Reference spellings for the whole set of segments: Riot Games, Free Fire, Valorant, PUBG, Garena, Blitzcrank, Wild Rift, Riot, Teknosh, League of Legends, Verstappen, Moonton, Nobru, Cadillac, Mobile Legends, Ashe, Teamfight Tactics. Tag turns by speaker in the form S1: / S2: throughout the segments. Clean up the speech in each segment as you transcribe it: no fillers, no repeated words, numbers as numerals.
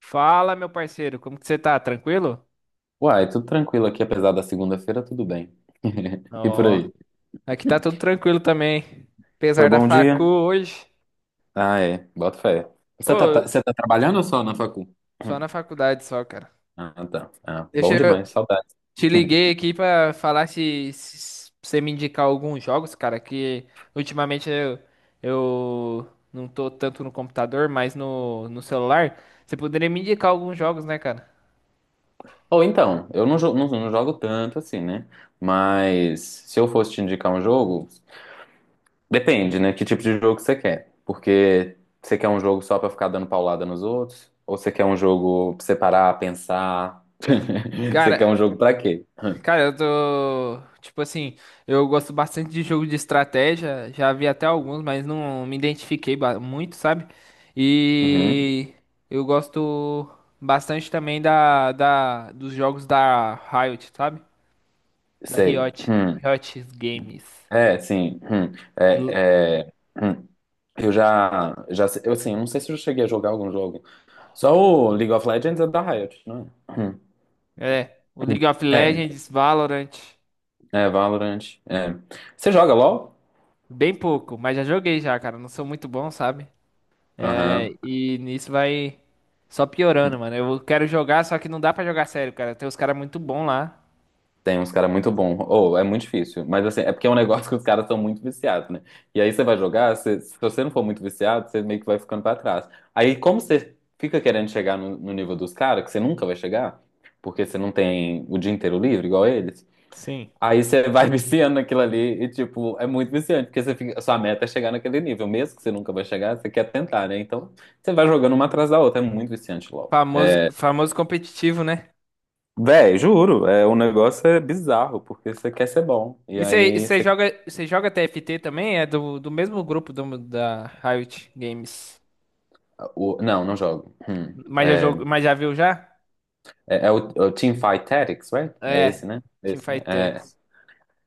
S1: Fala, meu parceiro, como que você tá? Tranquilo?
S2: Uai, tudo tranquilo aqui, apesar da segunda-feira, tudo bem. E por
S1: Ó,
S2: aí?
S1: aqui tá tudo tranquilo também.
S2: Foi
S1: Apesar da
S2: bom
S1: facu
S2: dia?
S1: hoje.
S2: Ah, é. Bota fé. Você
S1: Ô,
S2: você tá trabalhando ou só na facu?
S1: só
S2: Hum.
S1: na faculdade só, cara.
S2: Ah, tá. Ah,
S1: Deixa
S2: bom
S1: eu
S2: demais, saudades.
S1: te liguei aqui pra falar se você me indicar alguns jogos, cara, que ultimamente eu não tô tanto no computador, mas no celular. Você poderia me indicar alguns jogos, né, cara?
S2: Ou então, eu não jogo tanto assim, né? Mas se eu fosse te indicar um jogo, depende, né? Que tipo de jogo você quer. Porque você quer um jogo só pra ficar dando paulada nos outros? Ou você quer um jogo pra você parar, pensar? Você
S1: Cara,
S2: quer um jogo pra quê?
S1: Cara, eu tô. Tipo assim, eu gosto bastante de jogo de estratégia. Já vi até alguns, mas não me identifiquei muito, sabe?
S2: Uhum,
S1: E eu gosto bastante também dos jogos da Riot, sabe? Da
S2: sei.
S1: Riot.
S2: Hum.
S1: Riot Games.
S2: É, sim. Hum,
S1: L-
S2: é, é, hum. Eu assim, não sei se eu cheguei a jogar algum jogo. Só o League of Legends é da Riot, não é? Hum.
S1: É, o League of
S2: É,
S1: Legends, Valorant.
S2: é Valorant. É. Você joga LoL?
S1: Bem pouco, mas já joguei já, cara. Não sou muito bom, sabe? É,
S2: Aham.
S1: e nisso vai só piorando, mano. Eu quero jogar, só que não dá pra jogar sério, cara. Tem uns caras muito bons lá.
S2: Tem uns caras muito bons. Ou é muito difícil, mas assim, é porque é um negócio que os caras são muito viciados, né? E aí você vai jogar, se você não for muito viciado, você meio que vai ficando pra trás. Aí como você fica querendo chegar no nível dos caras, que você nunca vai chegar, porque você não tem o dia inteiro livre igual eles.
S1: Sim.
S2: Aí você vai viciando naquilo ali e, tipo, é muito viciante, porque você fica, a sua meta é chegar naquele nível, mesmo que você nunca vai chegar, você quer tentar, né? Então, você vai jogando uma atrás da outra, é muito viciante logo.
S1: Famoso, famoso competitivo, né?
S2: Véi, juro, é, o negócio é bizarro, porque você quer ser bom. E
S1: E
S2: aí você.
S1: você joga TFT também? É do mesmo grupo da Riot Games.
S2: Não, não jogo. Hum.
S1: Mas já, mas já viu já?
S2: É, é o Teamfight Tactics, right? É
S1: É,
S2: esse, né? Esse, né?
S1: Teamfight
S2: É,
S1: Tactics.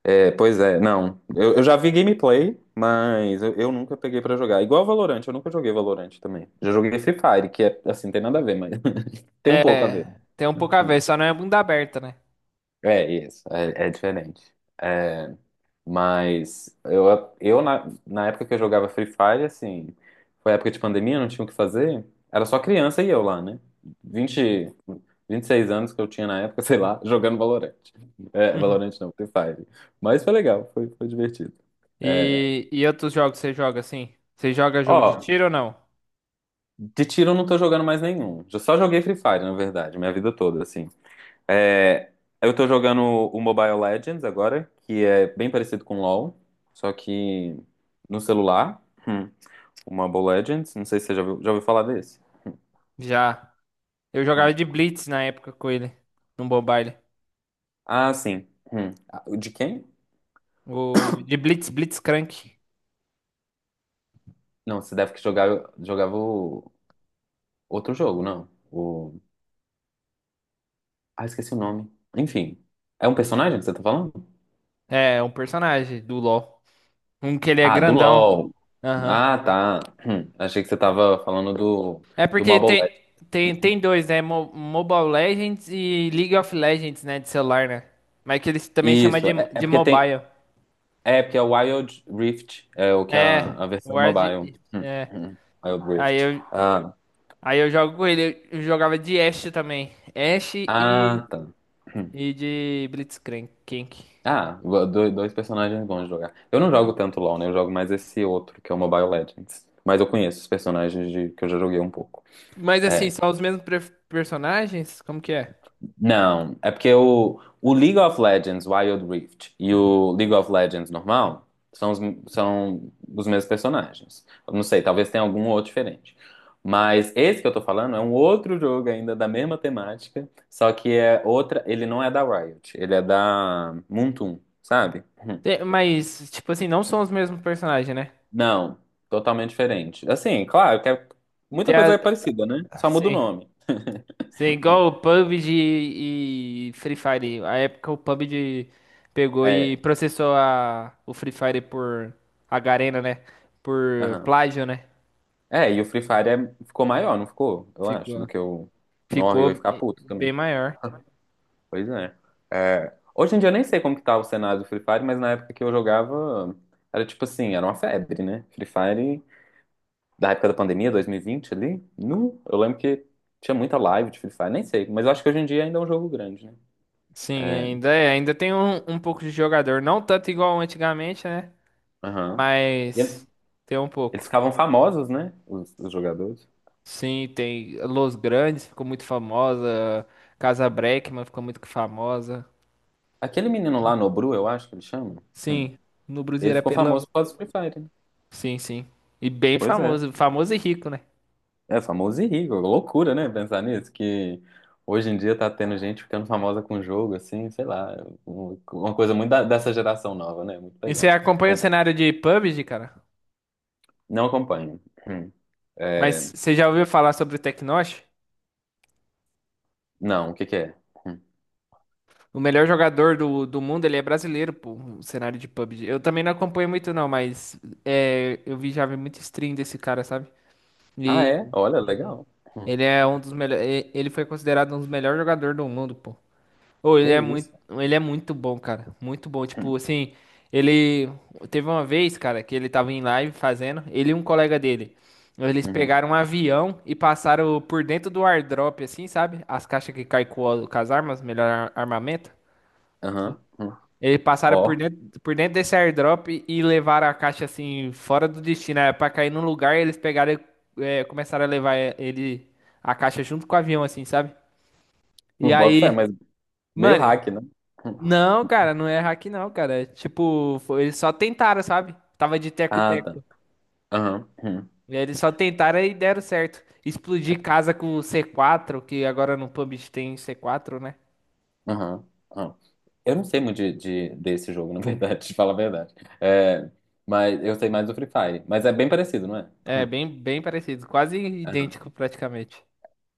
S2: É, pois é, não. Eu já vi gameplay, mas eu nunca peguei pra jogar. Igual Valorant, eu nunca joguei Valorant também. Já joguei Free Fire, que é assim, tem nada a ver, mas tem um pouco a ver.
S1: É, tem um pouco a ver, só não é bunda aberta, né?
S2: É isso, é diferente. É, mas eu na época que eu jogava Free Fire, assim, foi época de pandemia, não tinha o que fazer. Era só criança e eu lá, né? vinte vinte e seis anos que eu tinha na época, sei lá, jogando Valorant. É, Valorant não, Free Fire. Mas foi legal, foi divertido. É,
S1: E outros jogos você joga assim? Você joga jogo de
S2: ó,
S1: tiro ou não?
S2: de tiro eu não tô jogando mais nenhum. Eu só joguei Free Fire, na verdade, minha vida toda, assim. É, eu tô jogando o Mobile Legends agora, que é bem parecido com LoL, só que no celular. Hum, o Mobile Legends, não sei se você já ouviu falar desse.
S1: Já. Eu jogava
S2: Hum.
S1: de Blitz na época com ele, no Mobile.
S2: Ah, sim. Hum. Ah, o de quem?
S1: O de Blitz, Blitzcrank.
S2: Não, você deve que jogava o outro jogo, não. Ah, esqueci o nome. Enfim, é um personagem que você tá falando?
S1: É, um personagem do LoL. Um que ele é
S2: Ah, do
S1: grandão.
S2: LoL.
S1: Aham.
S2: Ah, tá. Achei que você tava falando do,
S1: É
S2: do
S1: porque
S2: Mobile
S1: tem
S2: Legends.
S1: dois, né? Mobile Legends e League of Legends, né? De celular, né? Mas que eles também chamam
S2: Isso,
S1: de,
S2: é
S1: de
S2: porque tem.
S1: mobile.
S2: É porque é o Wild Rift, é o que é a,
S1: É,
S2: a versão
S1: Ward.
S2: mobile.
S1: É.
S2: Hum, hum, Wild
S1: Aí
S2: Rift.
S1: eu,
S2: Ah,
S1: aí eu jogo com ele. Eu jogava de Ashe também. Ashe e,
S2: ah, tá. Hum.
S1: e de Blitzcrank. Kink.
S2: Ah, dois personagens bons de jogar. Eu não jogo tanto LoL, né? Eu jogo mais esse outro, que é o Mobile Legends. Mas eu conheço os personagens de, que eu já joguei um pouco.
S1: Mas assim,
S2: É,
S1: são os mesmos personagens? Como que é?
S2: não, é porque o League of Legends Wild Rift e o League of Legends normal são os, são os mesmos personagens. Eu não sei, talvez tenha algum outro diferente. Mas esse que eu tô falando é um outro jogo ainda da mesma temática, só que é outra. Ele não é da Riot, ele é da Moonton, sabe?
S1: Mas, tipo assim, não são os mesmos personagens, né?
S2: Não, totalmente diferente. Assim, claro que muita
S1: Tem
S2: coisa é parecida, né?
S1: a-
S2: Só muda o
S1: sim.
S2: nome.
S1: Sim, igual o PUBG e Free Fire. A época o PUBG pegou e
S2: É.
S1: processou a, o Free Fire por a Garena, né? Por
S2: Aham.
S1: plágio, né?
S2: É, e o Free Fire ficou maior, não ficou? Eu acho, do
S1: Ficou.
S2: que o. Nossa, eu ia
S1: Ficou
S2: ficar puto também.
S1: bem maior.
S2: Pois é. É, hoje em dia eu nem sei como que tá o cenário do Free Fire, mas na época que eu jogava, era tipo assim, era uma febre, né? Free Fire, da época da pandemia, 2020 ali, nu, eu lembro que tinha muita live de Free Fire, nem sei, mas eu acho que hoje em dia ainda é um jogo grande, né?
S1: Sim,
S2: É,
S1: ainda é. Ainda tem um pouco de jogador. Não tanto igual antigamente, né?
S2: aham. E
S1: Mas tem um pouco.
S2: eles ficavam famosos, né? Os jogadores.
S1: Sim, tem Los Grandes, ficou muito famosa. Casa Breckman ficou muito famosa.
S2: Aquele menino lá, Nobru, eu acho que ele chama, hum,
S1: Sim, no Brasil
S2: ele
S1: era
S2: ficou famoso
S1: Pelão.
S2: por causa do Free Fire, né?
S1: Sim, sim. E bem
S2: Pois é.
S1: famoso, famoso e rico, né?
S2: É famoso e rico, loucura, né? Pensar nisso, que hoje em dia tá tendo gente ficando famosa com jogo, assim, sei lá, uma coisa muito dessa geração nova, né? Muito
S1: E você
S2: legal.
S1: acompanha o
S2: Com-
S1: cenário de PUBG, cara?
S2: Não acompanho. Hum. É,
S1: Mas você já ouviu falar sobre o Teknosh?
S2: não, o que que é? Hum.
S1: O melhor jogador do mundo, ele é brasileiro, pô, o cenário de PUBG. Eu também não acompanho muito, não, mas já vi muito stream desse cara, sabe?
S2: Ah, é?
S1: E
S2: Olha, legal. Hum.
S1: ele é um dos melhores. Ele foi considerado um dos melhores jogadores do mundo, pô. Ô,
S2: Que isso?
S1: ele é muito bom, cara. Muito bom.
S2: Hum.
S1: Tipo, assim, ele teve uma vez, cara, que ele tava em live fazendo, ele e um colega dele. Eles
S2: Uhum.
S1: pegaram um avião e passaram por dentro do airdrop, assim, sabe? As caixas que caem com, com as armas, melhor armamento.
S2: Aham. Hum.
S1: Eles passaram por
S2: Ó,
S1: dentro, por dentro desse airdrop e levaram a caixa, assim, fora do destino. Era pra cair num lugar e eles pegaram, e, começaram a levar é, ele, a caixa junto com o avião, assim, sabe? E
S2: boto fé,
S1: aí,
S2: mas meio
S1: mano.
S2: hack, né? Hum.
S1: Não, cara, não é hack não, cara. É tipo, eles só tentaram, sabe? Tava de
S2: Ah, tá.
S1: teco-teco.
S2: Aham. Hum.
S1: E aí eles só tentaram e deram certo. Explodir casa com o C4, que agora no PUBG tem C4, né?
S2: Aham, aham. Eu não sei muito desse jogo, na verdade, te falar a verdade. É, mas eu sei mais do Free Fire. Mas é bem parecido, não é?
S1: É bem, bem parecido, quase
S2: Aham.
S1: idêntico praticamente.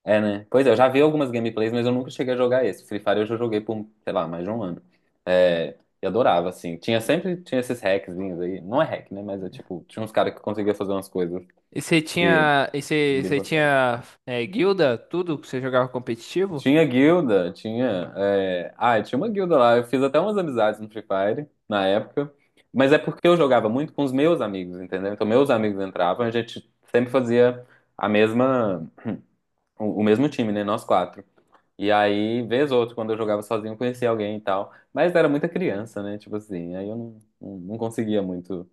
S2: É, né? Pois é, eu já vi algumas gameplays, mas eu nunca cheguei a jogar esse. Free Fire eu já joguei por, sei lá, mais de um ano. É, e adorava, assim. Tinha sempre, tinha esses hackzinhos aí. Não é hack, né? Mas é tipo, tinha uns caras que conseguiam fazer umas coisas
S1: E você
S2: que
S1: tinha, e você,
S2: ninguém
S1: você
S2: consegue.
S1: tinha guilda, tudo que você jogava competitivo?
S2: Tinha guilda, tinha. É, ah, tinha uma guilda lá. Eu fiz até umas amizades no Free Fire na época. Mas é porque eu jogava muito com os meus amigos, entendeu? Então, meus amigos entravam, a gente sempre fazia a mesma, o mesmo time, né? Nós quatro. E aí, vez ou outra, quando eu jogava sozinho, eu conhecia alguém e tal. Mas era muita criança, né? Tipo assim, aí eu não conseguia muito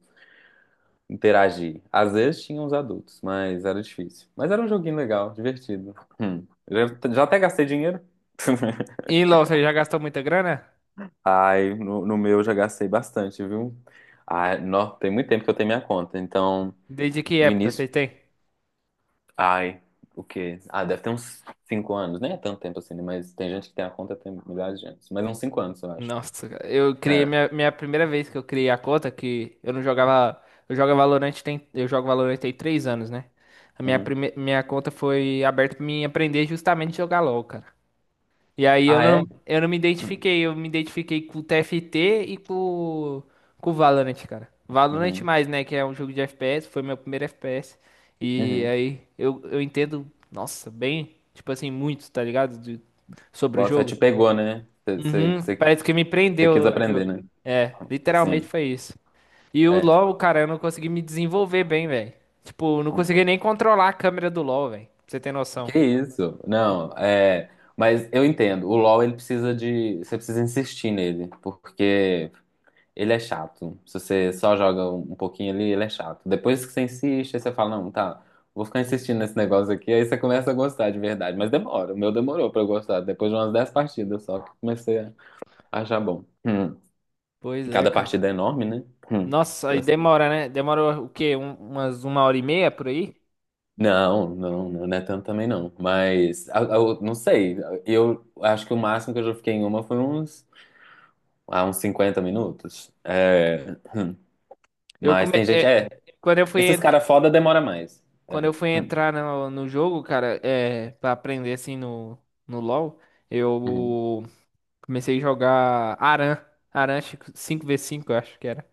S2: interagir. Às vezes tinha uns adultos, mas era difícil. Mas era um joguinho legal, divertido. Hum. Já até gastei dinheiro.
S1: E LoL, você já gastou muita grana?
S2: Ai, no meu eu já gastei bastante, viu? Ai, nó, tem muito tempo que eu tenho minha conta. Então,
S1: Desde que
S2: no
S1: época você
S2: início,
S1: tem?
S2: ai, o quê? Ah, deve ter uns 5 anos. Nem é tanto tempo assim, né? Mas tem gente que tem a conta tem milhares de anos. Mas uns 5 anos, eu acho.
S1: Nossa, cara, eu criei
S2: É.
S1: minha primeira vez que eu criei a conta, que eu não jogava. Eu jogo Valorant tem 3 anos, né? A minha,
S2: Uhum.
S1: prime, minha conta foi aberta pra mim aprender justamente a jogar LOL, cara. E aí eu
S2: Ah,
S1: não,
S2: é?
S1: eu não me identifiquei, eu me identifiquei com o TFT e com o Valorant, cara. Valorant
S2: Uhum.
S1: mais, né? Que é um jogo de FPS, foi meu primeiro FPS. E
S2: Uhum.
S1: aí eu entendo, nossa, bem, tipo assim, muito, tá ligado? Sobre o
S2: Bota fé,
S1: jogo.
S2: te pegou, né? Você
S1: Uhum, parece que me
S2: quis
S1: prendeu o
S2: aprender,
S1: jogo.
S2: né?
S1: É, literalmente
S2: Assim,
S1: foi isso. E o
S2: é.
S1: LoL, cara, eu não consegui me desenvolver bem, velho. Tipo, eu não consegui nem controlar a câmera do LoL, velho. Pra você ter noção.
S2: Que isso? Não, é. Mas eu entendo. O LoL, ele precisa de. Você precisa insistir nele. Porque. Ele é chato. Se você só joga um pouquinho ali, ele é chato. Depois que você insiste, aí você fala, não, tá, vou ficar insistindo nesse negócio aqui. Aí você começa a gostar de verdade. Mas demora. O meu demorou pra eu gostar. Depois de umas 10 partidas só que eu comecei a achar bom. Hum.
S1: Pois
S2: E
S1: é,
S2: cada
S1: cara.
S2: partida é enorme, né? Hum.
S1: Nossa, aí
S2: Assim,
S1: demora, né? Demora o quê? Umas uma hora e meia por aí?
S2: não, não, não, não é tanto também não. Mas eu não sei. Eu acho que o máximo que eu já fiquei em uma foi uns 50 minutos. É.
S1: Eu
S2: Mas
S1: come...
S2: tem gente,
S1: é,
S2: é,
S1: quando eu fui,
S2: esses caras foda demora mais.
S1: quando
S2: É.
S1: eu fui
S2: Hum.
S1: entrar no jogo, cara, pra aprender assim no LoL,
S2: Uhum.
S1: eu comecei a jogar Aran. Aran 5v5 eu acho que era.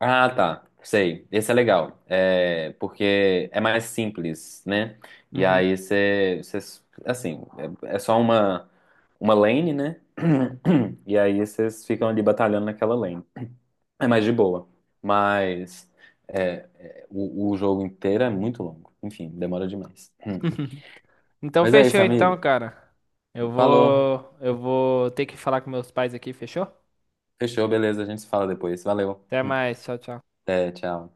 S2: Ah, tá. Sei. Esse é legal. É, porque é mais simples, né? E
S1: Uhum.
S2: aí assim, é só uma lane, né? E aí vocês ficam ali batalhando naquela lane. É mais de boa. Mas o jogo inteiro é muito longo. Enfim, demora demais.
S1: Então
S2: Mas é isso,
S1: fechou então,
S2: amigo.
S1: cara. Eu
S2: Falou.
S1: vou, eu vou ter que falar com meus pais aqui, fechou?
S2: Fechou, beleza. A gente se fala depois. Valeu.
S1: Até mais, tchau, tchau.
S2: Até, tchau.